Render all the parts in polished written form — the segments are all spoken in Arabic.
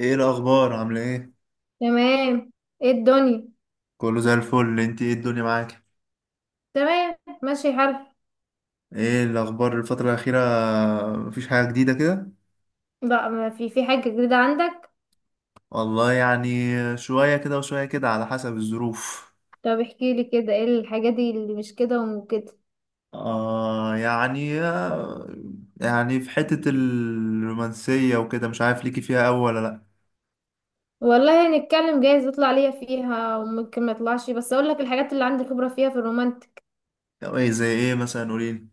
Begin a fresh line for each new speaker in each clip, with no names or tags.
ايه الاخبار؟ عامله ايه؟
تمام. ايه الدنيا؟
كله زي الفل. انت ايه الدنيا معاك؟
تمام. ماشي الحال.
ايه الاخبار الفتره الاخيره؟ مفيش حاجه جديده كده؟
بقى، ما في حاجة جديدة عندك؟
والله يعني، شويه كده وشويه كده على حسب الظروف.
طب احكي لي كده، ايه الحاجة دي اللي مش كده وكده؟
آه يعني آه، يعني في حته الرومانسيه وكده مش عارف ليكي فيها أوي ولا لا.
والله هنتكلم، جايز يطلع ليا فيها وممكن ما يطلعش، بس اقول لك الحاجات اللي عندي خبرة فيها في الرومانتك.
طب ايه، زي ايه مثلا؟ قوليلي.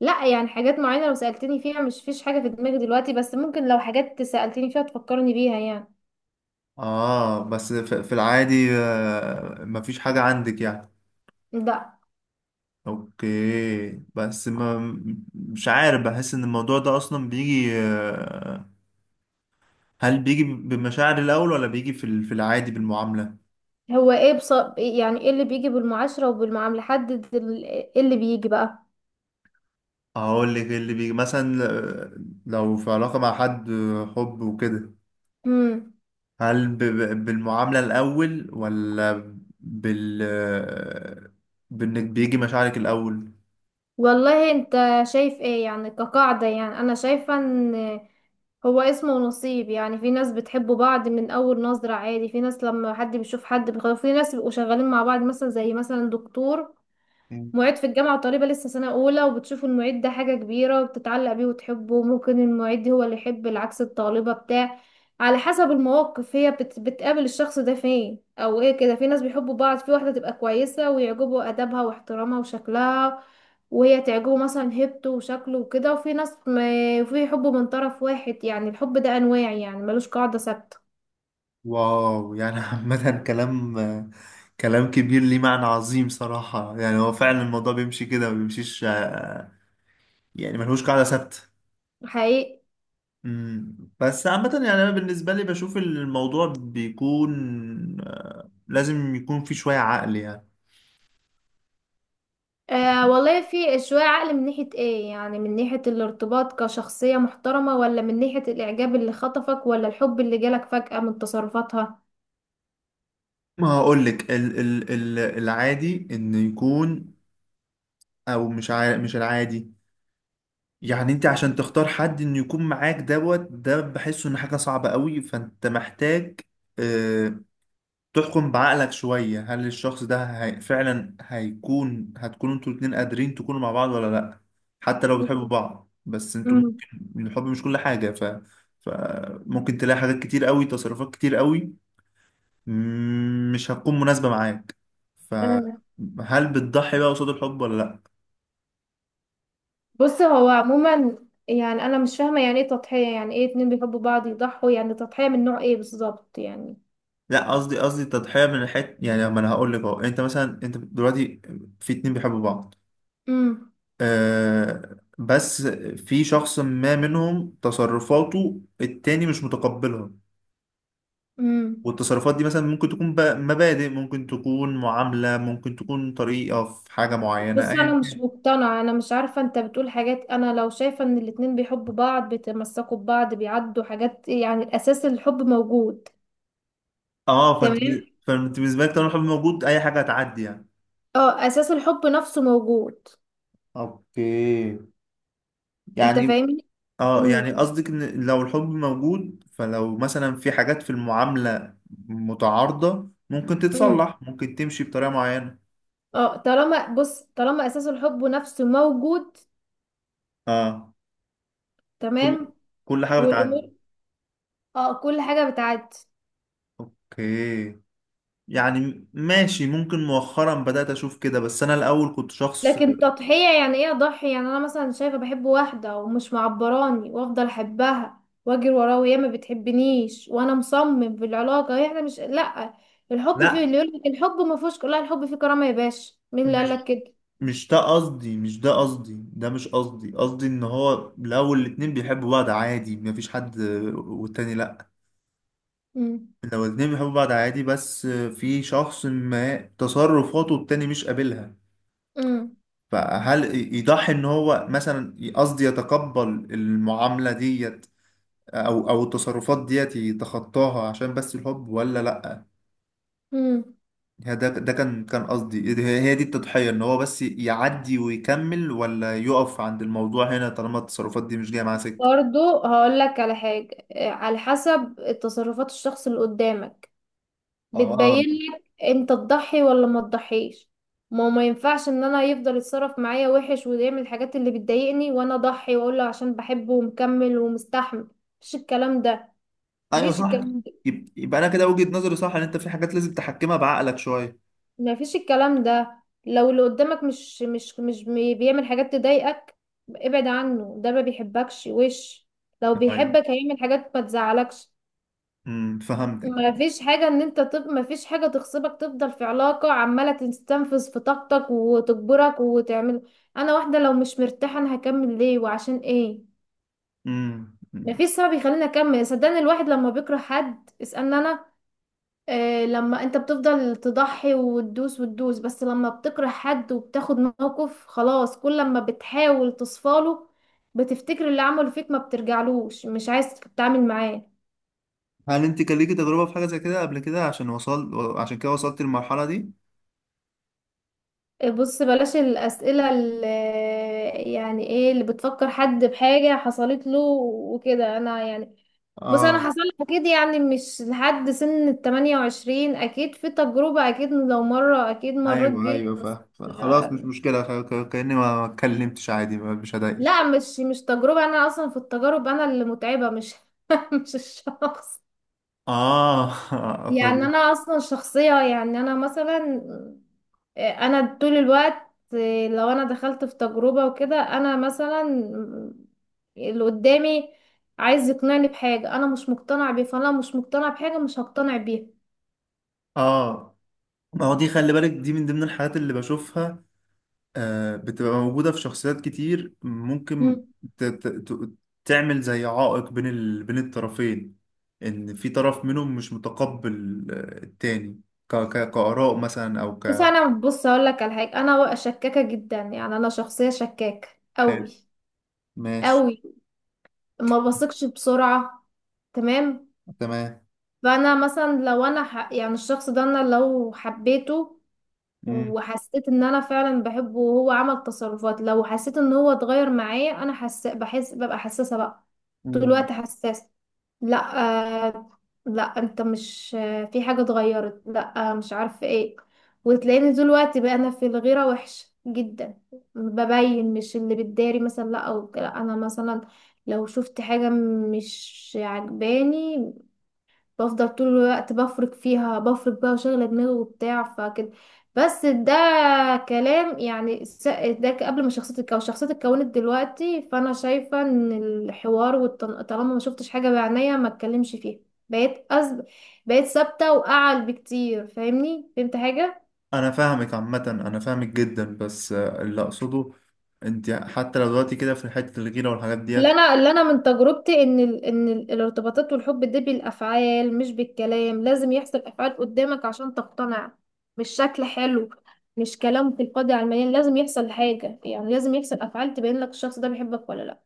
لا، يعني حاجات معينة لو سألتني فيها مش فيش حاجة في دماغي دلوقتي، بس ممكن لو حاجات سألتني فيها تفكرني بيها يعني.
اه، بس في العادي مفيش حاجه عندك يعني؟
لا.
اوكي بس ما، مش عارف بحس ان الموضوع ده اصلا بيجي، هل بيجي بمشاعر الاول ولا بيجي في العادي بالمعامله؟
هو ايه؟ بص، يعني ايه اللي بيجي بالمعاشرة وبالمعاملة؟ حدد ايه اللي بيجي.
اقول لك إيه اللي بيجي مثلا. لو في علاقه مع حد، حب وكده،
بقى.
هل بالمعامله الاول، ولا بال آه، بانك بيجي مشاعرك الاول؟
والله انت شايف ايه يعني كقاعدة؟ يعني انا شايفة ان هو اسمه نصيب. يعني في ناس بتحب بعض من اول نظرة عادي، في ناس لما حد بيشوف حد بيخاف، في ناس بيبقوا شغالين مع بعض مثلا، زي مثلا دكتور معيد في الجامعة وطالبة لسه سنة أولى وبتشوفوا المعيد ده حاجة كبيرة وبتتعلق بيه وتحبه، ممكن المعيد هو اللي يحب العكس الطالبة بتاع. على حسب المواقف هي بتقابل الشخص ده فين أو ايه كده. في ناس بيحبوا بعض، في واحدة تبقى كويسة ويعجبوا أدبها واحترامها وشكلها، وهي تعجبه مثلا هيبته وشكله وكده، وفي ناس ما... في حب من طرف واحد. يعني الحب ده أنواع، يعني ملوش قاعدة ثابتة.
واو، يعني عامة، كلام كبير ليه معنى عظيم صراحة. يعني هو فعلا الموضوع بيمشي كده ما بيمشيش، يعني ملهوش قاعدة ثابتة.
حقيقي.
بس عامة يعني أنا بالنسبة لي بشوف الموضوع بيكون لازم يكون فيه شوية عقل يعني.
آه والله، في شوية عقل من ناحية ايه؟ يعني من ناحية الارتباط كشخصية محترمة، ولا من ناحية الإعجاب اللي خطفك، ولا الحب اللي جالك فجأة من تصرفاتها؟
ما هقولك ال العادي إنه يكون، أو مش عارف، مش العادي. يعني انت عشان تختار حد انه يكون معاك دوت، ده بحسه ان حاجة صعبة قوي، فانت محتاج آه، تحكم بعقلك شوية. هل الشخص ده فعلا هيكون، هتكونوا انتوا الاتنين قادرين تكونوا مع بعض ولا لأ؟ حتى لو بتحبوا
مم.
بعض، بس انتوا
امم.
ممكن الحب مش كل حاجة، فممكن تلاقي حاجات كتير قوي، تصرفات كتير قوي مش هتكون مناسبة معاك.
آه.
فهل بتضحي بقى قصاد الحب ولا لأ؟
بص، هو عموما يعني أنا مش فاهمة يعني ايه تضحية. يعني ايه اتنين بيحبوا بعض يضحوا؟ يعني تضحية من نوع ايه بالظبط يعني؟
لأ، قصدي تضحية من الحت. يعني ما انا هقول لك اهو، انت مثلا، انت دلوقتي في اتنين بيحبوا بعض،
امم.
آه بس في شخص ما منهم تصرفاته التاني مش متقبلها.
امم.
والتصرفات دي مثلا ممكن تكون مبادئ، ممكن تكون معاملة، ممكن تكون طريقة في حاجة معينة، أيا
بص، أنا مش
كان.
مقتنعة، أنا مش عارفة، أنت بتقول حاجات. أنا لو شايفة إن الاتنين بيحبوا بعض بيتمسكوا ببعض بيعدوا حاجات، يعني الأساس الحب موجود.
اه فانت،
تمام.
فانت بالنسبة لك طالما الحب موجود أي حاجة هتعدي يعني.
اه، اساس الحب نفسه موجود.
اوكي،
انت
يعني
فاهمني؟
اه،
امم.
يعني قصدك ان لو الحب موجود، فلو مثلا في حاجات في المعاملة متعارضة، ممكن
امم.
تتصلح، ممكن تمشي بطريقة معينة.
اه، طالما بص، طالما اساس الحب نفسه موجود.
اه، كل
تمام.
كل حاجة بتعدي.
والامور، اه، كل حاجه بتعدي.
اوكي. يعني ماشي، ممكن مؤخرا بدأت اشوف كده، بس انا الاول كنت شخص.
لكن تضحيه يعني ايه اضحي؟ يعني انا مثلا شايفه بحب واحده ومش معبراني وافضل احبها واجري وراها وهي ما بتحبنيش وانا مصمم في العلاقه، هي احنا مش، لا. الحب فيه،
لا،
اللي يقول لك الحب ما فيهوش لا، الحب فيه كرامه يا باشا، مين اللي قال لك
مش
كده؟
مش ده قصدي ده مش قصدي. قصدي ان هو الاول الاتنين بيحبوا بعض عادي مفيش حد، والتاني لا،
امم.
لو الاتنين بيحبوا بعض عادي بس في شخص ما تصرفاته التاني مش قابلها،
امم.
فهل يضحي ان هو مثلا، قصدي يتقبل المعاملة ديت او التصرفات ديت يتخطاها عشان بس الحب، ولا لا؟
امم.
يعني ده كان قصدي، هي دي التضحية، ان هو بس يعدي ويكمل، ولا يقف عند الموضوع هنا طالما التصرفات دي مش جاية معاه سكة.
برضو هقول لك على حاجة، على حسب تصرفات الشخص اللي قدامك
اه،
بتبين لك انت تضحي ولا ما تضحيش. ما ينفعش ان انا يفضل يتصرف معايا وحش ويعمل الحاجات اللي بتضايقني وانا اضحي واقول له عشان بحبه ومكمل ومستحمل. مفيش الكلام ده.
ايوه
مفيش
صح.
الكلام ده.
يبقى انا كده وجهة نظري صح، ان انت في حاجات لازم تحكمها بعقلك شوية.
مفيش الكلام ده. لو اللي قدامك مش بيعمل حاجات تضايقك، ابعد عنه، ده ما بيحبكش وش. لو
ايوه،
بيحبك هيعمل حاجات ما تزعلكش.
امم، فهمتك.
ما فيش حاجة ان انت ما فيش حاجة تغصبك تفضل في علاقة عمالة تستنفذ في طاقتك وتجبرك وتعمل. انا واحدة لو مش مرتاحة انا هكمل ليه وعشان ايه؟ ما
أمم.
فيش سبب يخليني اكمل. صدقني الواحد لما بيكره حد اسألني انا. آه، لما انت بتفضل تضحي وتدوس وتدوس، بس لما بتكره حد وبتاخد موقف خلاص، كل لما بتحاول تصفاله بتفتكر اللي عمله فيك، ما بترجعلوش، مش عايز تتعامل معاه.
هل انت كان ليكي تجربة في حاجة زي كده قبل كده، عشان وصل، عشان كده وصلت للمرحلة دي؟
بص، بلاش الأسئلة اللي يعني ايه اللي بتفكر حد بحاجة حصلت له وكده انا يعني. بص، انا
اه،
حصل لي اكيد، يعني مش لحد سن الـ28 اكيد في تجربة، اكيد لو مرة اكيد مريت
ايوه
بيها
ايوه
بس.
فاهم. خلاص مش مشكلة، كأني ما اتكلمتش، عادي، مش
لا،
هضايقك.
مش تجربة، انا اصلا في التجارب انا اللي متعبة، مش مش الشخص.
اه.
يعني
ف-
انا اصلا شخصية، يعني انا مثلا، انا طول الوقت لو انا دخلت في تجربة وكده، انا مثلا اللي قدامي عايز يقنعني بحاجة انا مش مقتنع بيه، فانا لو مش مقتنع بحاجة مش هقتنع بيها.
اه، ما هو دي خلي بالك، دي من ضمن الحاجات اللي بشوفها بتبقى موجودة في شخصيات كتير. ممكن
مم.
ت- ت- ت- تعمل زي عائق بين الطرفين، إن في طرف منهم مش متقبل التاني، كآراء مثلا، أو
بس
ك.
انا، بص اقول لك على حاجة، انا شكاكة جدا، يعني انا شخصية شكاكة
حلو،
قوي
ماشي،
قوي. ما بثقش بسرعة. تمام.
تمام.
فانا مثلا لو انا يعني الشخص ده انا لو حبيته
مم.
وحسيت ان انا فعلا بحبه وهو عمل تصرفات، لو حسيت ان هو اتغير معايا انا بحس، ببقى حساسة بقى. طول
مم.
الوقت حساسة. لا. آه... لا انت مش، في حاجة اتغيرت، لا، مش عارفة ايه. وتلاقيني طول الوقت بقى انا في الغيرة وحشة جدا. ببين، مش اللي بتداري مثلا، لا. او لا انا مثلا لو شفت حاجة مش عجباني بفضل طول الوقت بفرك فيها، بفرك بقى وشغلة دماغي وبتاع فكده. بس ده كلام يعني، ده قبل ما شخصيتي تتكون. شخصيتي اتكونت دلوقتي، فانا شايفة ان الحوار طالما ما شفتش حاجة بعينيا ما اتكلمش فيها. بقيت أز... بقيت ثابتة واعل بكتير. فاهمني؟ فهمت حاجة؟
أنا فاهمك عامة، أنا فاهمك جدا، بس اللي أقصده، أنت حتى لو دلوقتي كده في حتة الغيرة والحاجات
اللي
ديت،
انا اللي انا من تجربتي ان ان الارتباطات والحب ده بالافعال مش بالكلام، لازم يحصل افعال قدامك عشان تقتنع. مش شكل حلو، مش كلام تلقائي على المليان، لازم يحصل حاجه يعني، لازم يحصل افعال تبين لك الشخص ده بيحبك ولا لا.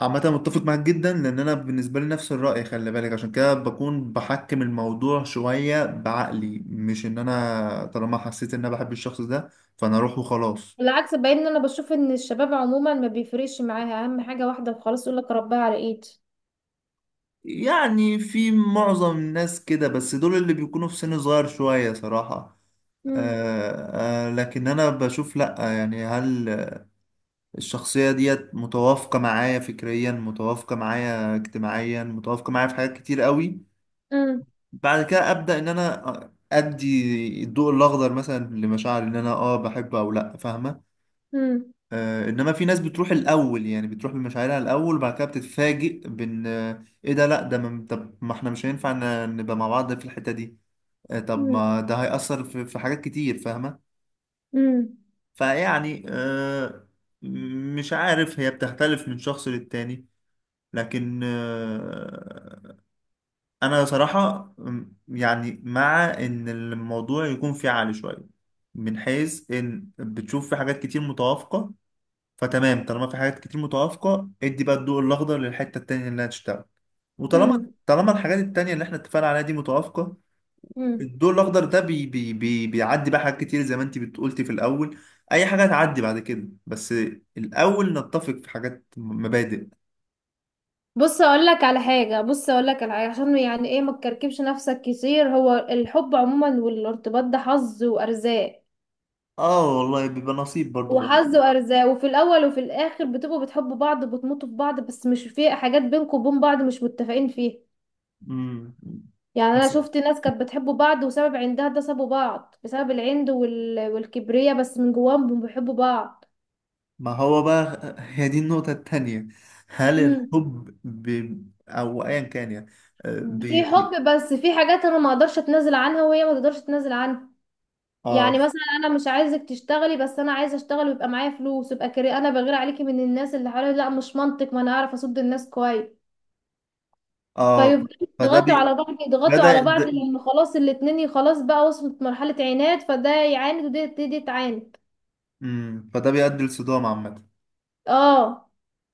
عامة متفق معاك جدا، لأن أنا بالنسبة لي نفس الرأي. خلي بالك عشان كده بكون بحكم الموضوع شوية بعقلي، مش إن أنا طالما حسيت إن أنا بحب الشخص ده فأنا أروح وخلاص.
بالعكس، باين ان انا بشوف ان الشباب عموما ما بيفرقش معاها اهم حاجه، واحده وخلاص، يقول لك ربها على ايدي.
يعني في معظم الناس كده، بس دول اللي بيكونوا في سن صغير شوية صراحة.
امم.
لكن أنا بشوف لأ. يعني هل الشخصية ديت متوافقة معايا فكريا، متوافقة معايا اجتماعيا، متوافقة معايا في حاجات كتير قوي؟
امم.
بعد كده ابدا ان انا ادي الضوء الاخضر مثلا لمشاعر ان انا اه بحب او لا، فاهمه؟ آه، انما في ناس بتروح الاول، يعني بتروح بمشاعرها الاول، وبعد كده بتتفاجئ بان ايه ده، لا ده ما طب ما احنا مش هينفع نبقى مع بعض في الحته دي. آه طب
امم.
ما ده هيأثر في حاجات كتير، فاهمه؟
امم.
فيعني آه، مش عارف، هي بتختلف من شخص للتاني. لكن انا صراحة يعني مع ان الموضوع يكون فيه عالي شوية، من حيث ان بتشوف في حاجات كتير متوافقة، فتمام، طالما في حاجات كتير متوافقة ادي بقى الضوء الاخضر للحتة التانية اللي هتشتغل. وطالما، طالما الحاجات التانية اللي احنا اتفقنا عليها دي متوافقة،
امم.
الضوء الاخضر ده بي بيعدي بقى حاجات كتير زي ما انت بتقولتي في الاول. اي حاجة هتعدي بعد كده، بس الاول نتفق في حاجات مبادئ.
بص اقول لك على حاجه، بص اقول لك على حاجه، عشان يعني ايه ما تكركبش نفسك كتير. هو الحب عموما والارتباط ده حظ وارزاق،
اه والله بيبقى نصيب برضه في
وحظ
الاول.
وارزاق، وفي الاول وفي الاخر بتبقوا بتحبوا بعض وبتموتوا في بعض، بس مش في حاجات بينكم وبين بعض مش متفقين فيها.
أمم.
يعني انا شفت ناس كانت بتحب بعض وسبب عندها ده سابوا بعض بسبب العند والكبرياء، بس من جواهم بيحبوا بعض.
ما هو بقى، هي دي النقطة التانية. هل
امم.
الحب أو أيا كان يعني، آه، بي...
في
بي...
حب، بس في حاجات انا ما اقدرش اتنازل عنها وهي ما تقدرش تتنازل عنها. يعني
آه
مثلا انا مش عايزك تشتغلي، بس انا عايزه اشتغل ويبقى معايا فلوس، يبقى كري، انا بغير عليكي من الناس اللي حواليا، لا مش منطق، ما انا اعرف اصد الناس كويس.
آه.
فيفضلوا
فده
يضغطوا على بعض،
ده
يضغطوا
ده
على بعض،
ده-
لان خلاص الاتنين خلاص بقى وصلت مرحله عناد، فده يعاند ودي دي تعاند.
فده بيؤدي لصدام عامة.
اه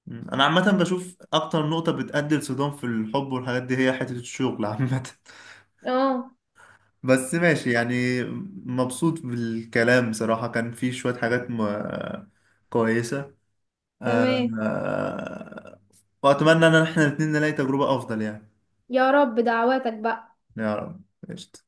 مم. أنا عامة بشوف أكتر نقطة بتؤدي لصدام في الحب والحاجات دي، هي حتة الشغل عامة.
اه
بس ماشي يعني. مبسوط بالكلام بصراحة، كان في شوية حاجات كويسة، آه...
تمام.
آه، وأتمنى إن إحنا الاتنين نلاقي تجربة أفضل يعني.
يا رب دعواتك بقى.
يا رب. قشطة.